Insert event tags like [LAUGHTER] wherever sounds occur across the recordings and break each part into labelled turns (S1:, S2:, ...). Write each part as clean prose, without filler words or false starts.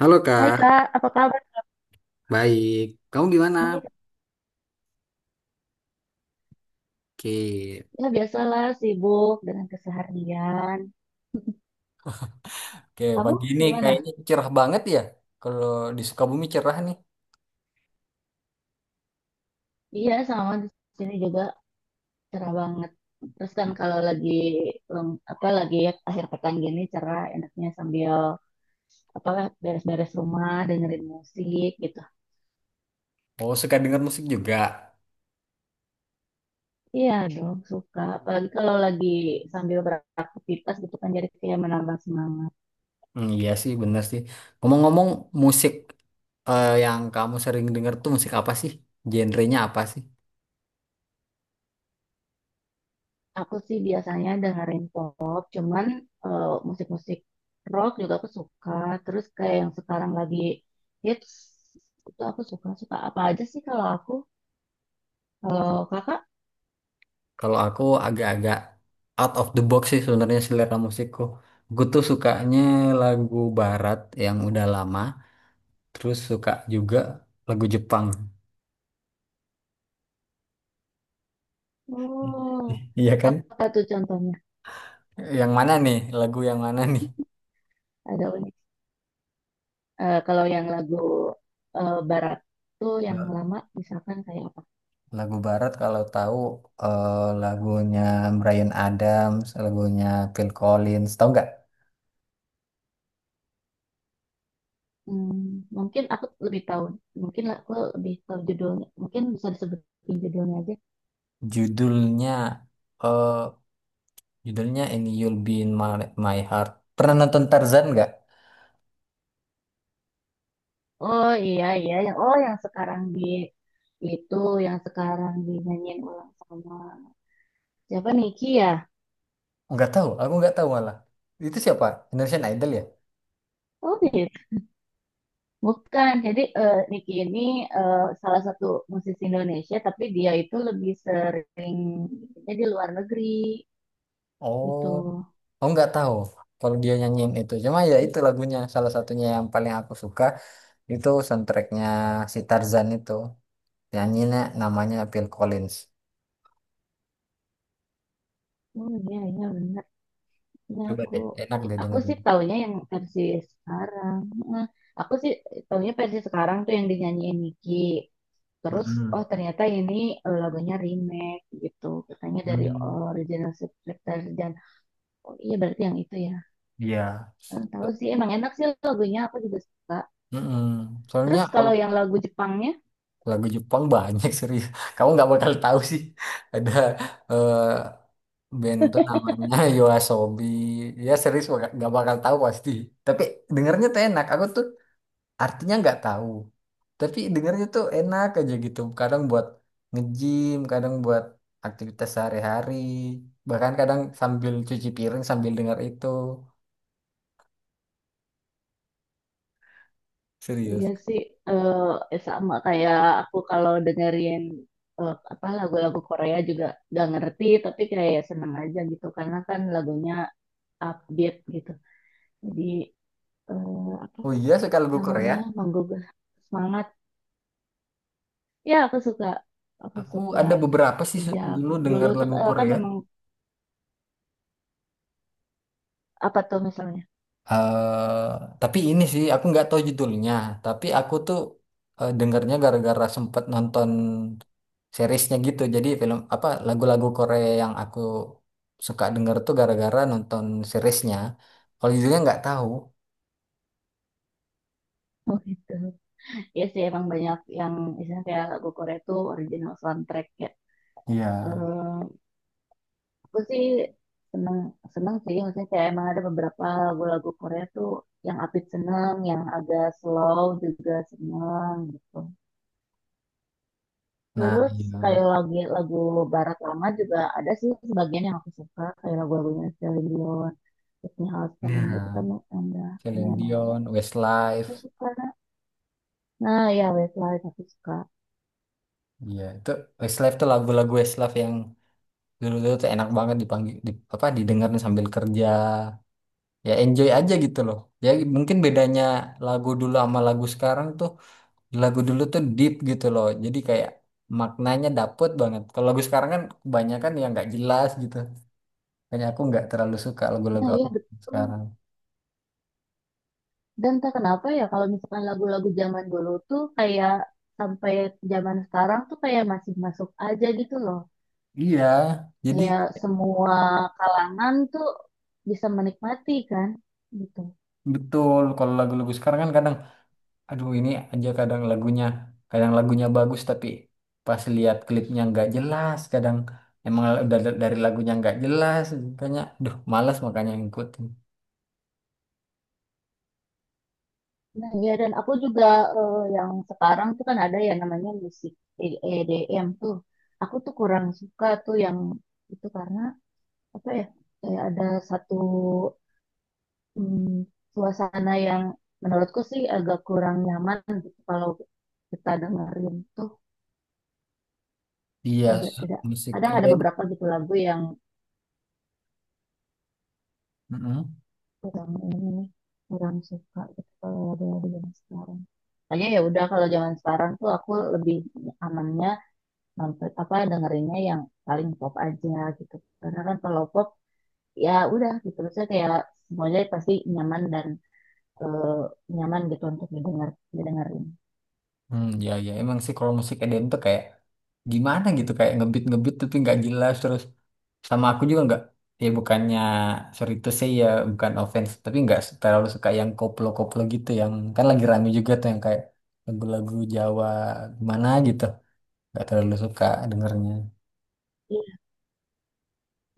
S1: Halo
S2: Hai
S1: Kak,
S2: Kak, apa kabar?
S1: baik. Kamu gimana?
S2: Baik.
S1: Oke.
S2: Ya biasalah sibuk dengan keseharian.
S1: Oke,
S2: Kamu
S1: pagi ini
S2: gimana?
S1: kayaknya cerah banget ya. Kalau di Sukabumi cerah nih.
S2: Iya sama di sini juga cerah banget. Terus kan kalau lagi apa lagi ya, akhir pekan gini cerah enaknya sambil apa beres-beres rumah dengerin musik gitu.
S1: Oh, suka dengar musik juga.
S2: Iya dong suka. Apalagi kalau lagi sambil beraktivitas gitu kan jadi kayak menambah semangat.
S1: Hmm, iya sih, bener sih. Ngomong-ngomong, musik yang kamu sering dengar tuh musik apa sih? Genrenya apa sih?
S2: Aku sih biasanya dengerin pop, cuman musik-musik rock juga aku suka. Terus kayak yang sekarang lagi hits, itu aku suka-suka. Apa aja sih kalau aku? Kalau kakak?
S1: Kalau aku agak-agak out of the box sih sebenarnya selera musikku. Aku tuh sukanya lagu barat yang udah lama, terus suka juga lagu Jepang. [LAUGHS]
S2: Oh,
S1: Iya kan?
S2: apa tuh contohnya?
S1: Yang mana nih? Lagu yang mana nih?
S2: Ada unik. Kalau yang lagu barat tuh yang
S1: Nah,
S2: lama, misalkan kayak apa?
S1: lagu barat kalau tahu lagunya Bryan Adams, lagunya Phil Collins, tahu nggak?
S2: Hmm, Mungkin aku lebih tahu. Mungkin aku lebih tahu judulnya. Mungkin bisa disebutin judulnya aja.
S1: Judulnya eh judulnya ini You'll Be in My Heart. Pernah nonton Tarzan nggak?
S2: Oh iya, iya yang yang sekarang di itu yang sekarang dinyanyiin ulang sama siapa Niki ya?
S1: Nggak tahu, aku nggak tahu malah. Itu siapa? Indonesian Idol ya?
S2: Oh gitu. Bukan. Jadi Niki ini eh, salah satu musisi Indonesia tapi dia itu lebih sering jadi di luar negeri
S1: Oh,
S2: itu.
S1: aku nggak tahu. Kalau dia nyanyiin itu, cuma ya itu lagunya salah satunya yang paling aku suka itu soundtracknya si Tarzan itu. Nyanyinya namanya Phil Collins.
S2: Oh iya, iya benar. Ya
S1: Coba
S2: aku
S1: deh, enak deh
S2: aku
S1: dengerin.
S2: sih taunya yang versi sekarang. Nah, aku sih taunya versi sekarang tuh yang dinyanyiin Niki. Terus,
S1: Mm-mm.
S2: oh ternyata ini lagunya remake gitu. Katanya dari
S1: Hmm,
S2: original Subscription. Dan, oh iya berarti yang itu ya.
S1: iya.
S2: Tahu
S1: So-
S2: sih, emang enak sih lagunya. Aku juga suka.
S1: mm-mm. Soalnya
S2: Terus
S1: kalau
S2: kalau yang lagu Jepangnya,
S1: lagu Jepang banyak serius. Kamu nggak bakal tahu sih. [LAUGHS] Ada eh, band tuh namanya [LAUGHS] Yoasobi. Ya serius nggak bakal tahu pasti. Tapi dengernya tuh enak. Aku tuh artinya nggak tahu. Tapi dengernya tuh enak aja gitu. Kadang buat nge-gym, kadang buat aktivitas sehari-hari. Bahkan kadang sambil cuci piring sambil denger itu.
S2: iya
S1: Serius.
S2: sih sama kayak aku kalau dengerin apa lagu-lagu Korea juga gak ngerti, tapi kayak seneng aja gitu. Karena kan lagunya upbeat gitu. Jadi, apa
S1: Oh iya, suka lagu Korea.
S2: namanya, menggugah semangat. Ya, aku suka. Aku
S1: Aku
S2: suka
S1: ada beberapa sih,
S2: sejak
S1: dulu
S2: dulu
S1: dengar
S2: tuh,
S1: lagu
S2: kan
S1: Korea.
S2: emang apa tuh misalnya? [LAUGHS]
S1: eh tapi ini sih aku nggak tahu judulnya. Tapi aku tuh dengernya gara-gara sempet nonton seriesnya gitu. Jadi film apa lagu-lagu Korea yang aku suka denger tuh gara-gara nonton seriesnya. Kalau judulnya nggak tahu.
S2: Oh gitu. Ya sih emang banyak yang misalnya kayak lagu Korea tuh original soundtrack ya.
S1: Iya.
S2: Eh, aku sih seneng, seneng sih maksudnya kayak emang ada beberapa lagu-lagu Korea tuh yang upbeat seneng, yang agak slow juga seneng gitu.
S1: Nah,
S2: Terus
S1: iya.
S2: kayak lagu lagu barat lama juga ada sih sebagian yang aku suka kayak lagu-lagunya Celine Dion, Whitney Houston gitu kan
S1: Nah,
S2: yang udah
S1: Celine
S2: lumayan lama.
S1: Dion,
S2: Aku
S1: Westlife.
S2: suka. Nah, nah ya Westlife aku suka.
S1: Iya, itu Westlife tuh lagu-lagu Westlife yang dulu-dulu tuh enak banget dipanggil di, apa didengarin sambil kerja, ya enjoy aja gitu loh. Ya mungkin bedanya lagu dulu sama lagu sekarang tuh lagu dulu tuh deep gitu loh, jadi kayak maknanya dapet banget. Kalau lagu sekarang kan kebanyakan yang nggak jelas gitu, makanya aku nggak terlalu suka
S2: Nah
S1: lagu-lagu
S2: iya betul.
S1: sekarang.
S2: Dan tak kenapa ya kalau misalkan lagu-lagu zaman dulu tuh kayak sampai zaman sekarang tuh kayak masih masuk aja gitu loh.
S1: Iya jadi
S2: Kayak semua kalangan tuh bisa menikmati kan gitu.
S1: betul, kalau lagu-lagu sekarang kan kadang, aduh, ini aja kadang lagunya bagus tapi pas lihat klipnya nggak jelas, kadang emang udah dari lagunya nggak jelas, makanya duh malas makanya ngikutin.
S2: Nah, ya dan aku juga yang sekarang tuh kan ada ya namanya musik EDM tuh. Aku tuh kurang suka tuh yang itu karena apa ya? Kayak ada satu mm, suasana yang menurutku sih agak kurang nyaman gitu kalau kita dengerin tuh
S1: Iya,
S2: agak tidak,
S1: musik
S2: kadang ada
S1: Eden.
S2: beberapa gitu lagu yang
S1: Mm-mm.
S2: kurang ini nih, kurang suka gitu kalau lagu-lagu yang sekarang. Makanya ya udah kalau zaman sekarang tuh aku lebih amannya nonton apa dengerinnya yang paling pop aja gitu karena kan kalau pop ya udah gitu, saya kayak semuanya pasti nyaman dan eh, nyaman gitu untuk didengar, didengerin.
S1: Hmm, ya, ya, emang sih kalau musik Eden tuh kayak gimana gitu, kayak ngebeat-ngebeat tapi nggak jelas, terus sama aku juga nggak, ya bukannya, sorry itu sih ya, bukan offense, tapi nggak terlalu suka yang koplo-koplo gitu, yang kan lagi rame juga tuh yang kayak lagu-lagu Jawa gimana gitu, nggak terlalu suka dengernya.
S2: Iya,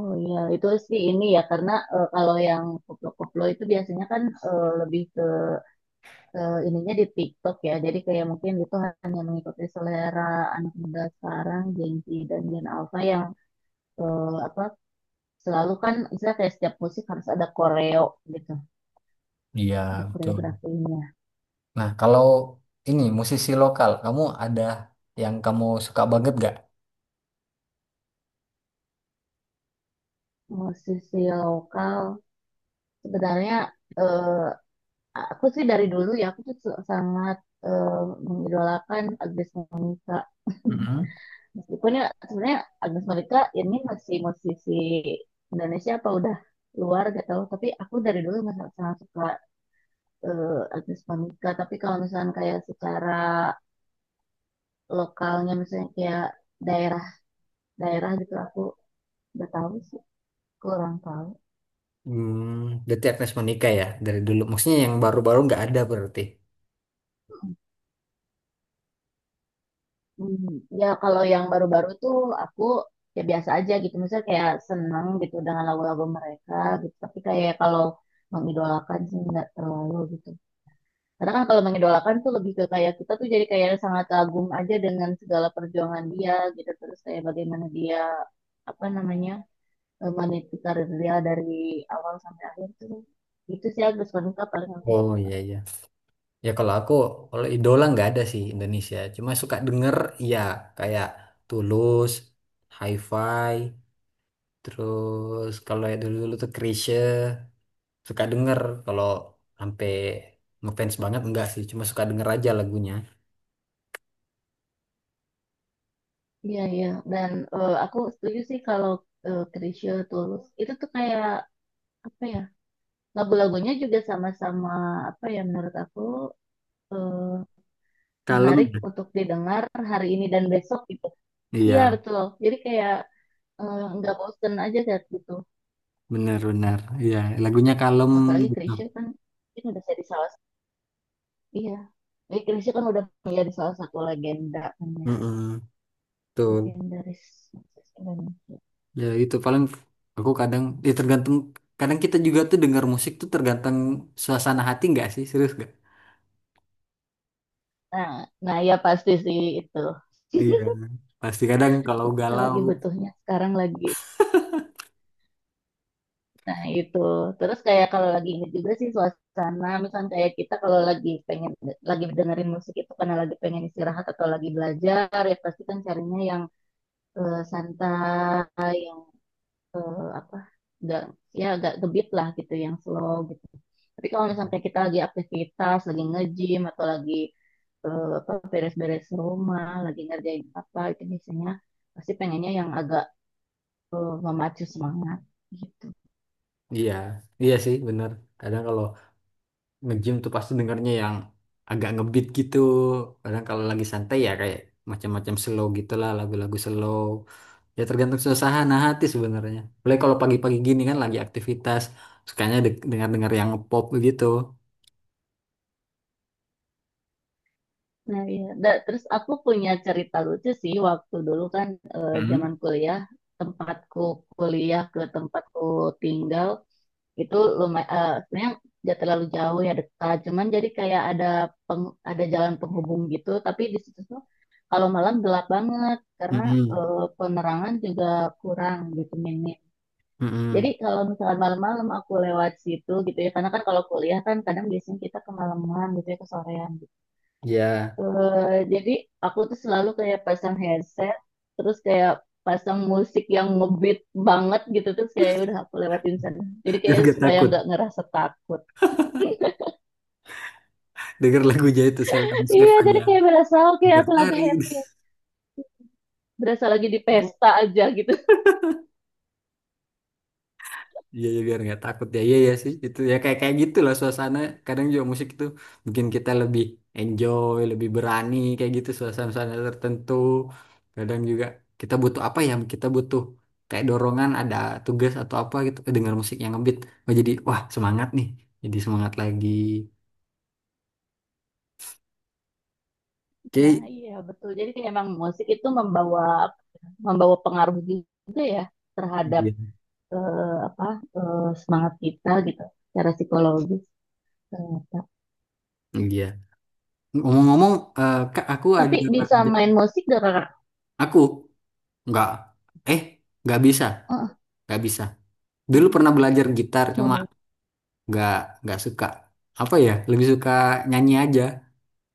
S2: oh iya itu sih ini ya karena kalau yang koplo-koplo itu biasanya kan lebih ke ininya di TikTok ya, jadi kayak mungkin itu hanya mengikuti selera anak muda sekarang Gen Z dan Gen Alpha yang apa, selalu kan misalnya kayak setiap musik harus ada koreo gitu,
S1: Iya,
S2: ada
S1: betul.
S2: koreografinya.
S1: Nah, kalau ini musisi lokal, kamu ada yang kamu suka banget gak?
S2: Musisi lokal sebenarnya eh, aku sih dari dulu ya, aku tuh sangat eh, mengidolakan Agnes Monica. [LAUGHS]
S1: Mm-mm.
S2: Meskipun ya sebenarnya Agnes Monica ini masih musisi Indonesia apa udah luar gak tahu, tapi aku dari dulu sangat, sangat suka eh, Agnes Monica. Tapi kalau misalnya kayak secara lokalnya misalnya kayak daerah-daerah gitu, aku udah tahu sih, kurang tahu.
S1: Berarti Agnes Monica ya dari dulu. Maksudnya yang baru-baru nggak ada berarti.
S2: Hmm, ya kalau yang baru-baru tuh aku ya biasa aja gitu. Misalnya kayak seneng gitu dengan lagu-lagu mereka gitu. Tapi kayak kalau mengidolakan sih nggak terlalu gitu. Karena kan kalau mengidolakan tuh lebih ke kayak kita tuh jadi kayak sangat kagum aja dengan segala perjuangan dia gitu. Terus kayak bagaimana dia apa namanya, meniti karir dia dari awal sampai akhir tuh. Itu sih Agus Monica paling aku.
S1: Oh, iya, iya. Ya kalau aku, kalau idola nggak ada sih Indonesia. Cuma suka denger ya, kayak Tulus, Hi-Fi, terus kalau ya dulu-dulu tuh Chrisye suka denger, kalau sampai ngefans banget enggak sih. Cuma suka denger aja lagunya.
S2: Iya, iya. Dan aku setuju sih kalau Chrisye Tulus itu tuh kayak apa ya, lagu-lagunya juga sama-sama apa ya, menurut aku eh,
S1: Kalem,
S2: menarik
S1: ya?
S2: untuk didengar hari ini dan besok gitu. Iya
S1: Iya,
S2: betul. Jadi kayak nggak bosen aja kayak gitu.
S1: benar-benar, iya, lagunya kalem
S2: Apalagi
S1: gitu.
S2: Chrisye kan ini udah jadi salah satu. Iya. Jadi Chrisye kan udah menjadi salah satu legenda kan ya.
S1: Mm-mm, betul.
S2: Legendaris musisi Indonesia.
S1: Ya itu paling aku kadang, ya tergantung, kadang kita juga tuh dengar musik tuh tergantung suasana hati, nggak sih, serius nggak?
S2: Nah, nah ya pasti sih itu.
S1: Iya, pasti kadang kalau
S2: Itu kita
S1: galau,
S2: lagi butuhnya sekarang lagi. Nah, itu. Terus kayak kalau lagi ini juga sih suasana, misalnya kayak kita kalau lagi pengen lagi dengerin musik itu karena lagi pengen istirahat atau lagi belajar, ya pasti kan carinya yang santai, apa, enggak ya agak gebeat lah gitu, yang slow gitu. Tapi kalau misalnya kayak kita lagi aktivitas, lagi nge-gym atau lagi apa beres-beres rumah, lagi ngerjain apa, itu biasanya pasti pengennya yang agak memacu semangat.
S1: iya, iya sih, benar. Kadang kalau nge-gym tuh pasti dengarnya yang agak ngebeat gitu. Kadang kalau lagi santai ya kayak macam-macam slow gitu lah, lagu-lagu slow. Ya tergantung suasana hati sebenarnya. Boleh kalau pagi-pagi gini kan lagi aktivitas, sukanya dengar-dengar yang pop gitu.
S2: Nah, iya. Terus aku punya cerita lucu sih waktu dulu kan
S1: Hmm.
S2: zaman kuliah, tempatku kuliah ke tempatku tinggal itu lumayan, sebenarnya nggak terlalu jauh ya, dekat, cuman jadi kayak ada ada jalan penghubung gitu, tapi di situ tuh kalau malam gelap banget karena
S1: Mm-mm.
S2: penerangan juga kurang gitu, minim. Jadi
S1: Mm-mm.
S2: kalau misalkan malam-malam aku lewat situ gitu ya, karena kan kalau kuliah kan kadang biasanya kita kemalaman gitu ya, kesorean.
S1: Ya,
S2: Jadi aku tuh selalu kayak pasang headset, terus kayak pasang musik yang ngebeat banget gitu, terus kayak ya udah aku lewatin sana. Jadi
S1: [LAUGHS] biar
S2: kayak
S1: gak
S2: supaya nggak
S1: takut.
S2: ngerasa takut.
S1: Denger lagu aja itu Sheldon
S2: [LAUGHS] Iya,
S1: Seven
S2: jadi
S1: ya.
S2: kayak berasa oke
S1: Denger
S2: aku lagi
S1: lari.
S2: happy, berasa lagi di pesta aja gitu. [LAUGHS]
S1: Iya ya biar nggak takut ya, iya ya sih itu ya, kayak kayak gitu lah suasana, kadang juga musik itu bikin kita lebih enjoy, lebih berani kayak gitu suasana-suasana tertentu, kadang juga kita butuh kayak dorongan, ada tugas atau apa gitu, dengar musik yang ngebeat, oh jadi wah semangat nih, jadi semangat lagi,
S2: Nah,
S1: oke.
S2: iya betul. Jadi kayak emang musik itu membawa, membawa pengaruh juga ya terhadap
S1: Iya.
S2: eh, apa, semangat kita gitu, secara psikologis ternyata.
S1: Iya. Ngomong-ngomong, Kak,
S2: Tapi bisa main musik dari kakak.
S1: aku nggak eh nggak bisa nggak bisa. Dulu pernah belajar gitar, cuma
S2: Oh.
S1: nggak nggak suka, apa ya, lebih suka nyanyi aja.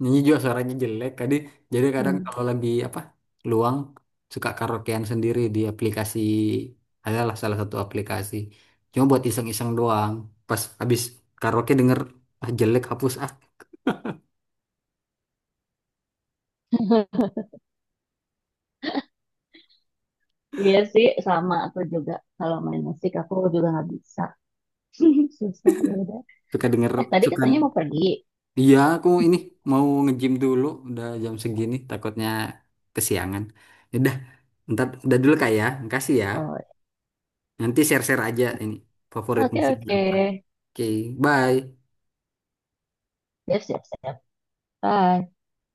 S1: Nyanyi juga suaranya jelek tadi, jadi kadang
S2: Hmm.
S1: kalau lagi apa, luang, suka karaokean sendiri di aplikasi, adalah salah satu aplikasi, cuma buat iseng-iseng doang, pas habis karaoke denger, ah jelek, hapus ah.
S2: Iya sih, sama aku juga. Kalau main musik aku juga nggak bisa. [LAUGHS] Susah, ya udah.
S1: Suka denger.
S2: Eh, tadi
S1: Suka.
S2: katanya mau pergi.
S1: Iya, aku ini mau nge-gym dulu, udah jam segini takutnya kesiangan. Ya udah, ntar udah dulu Kak ya, makasih ya.
S2: Oh,
S1: Nanti share-share aja ini favorit
S2: oke,
S1: musiknya.
S2: oke.
S1: Oke, bye.
S2: Siap, siap, siap. Bye.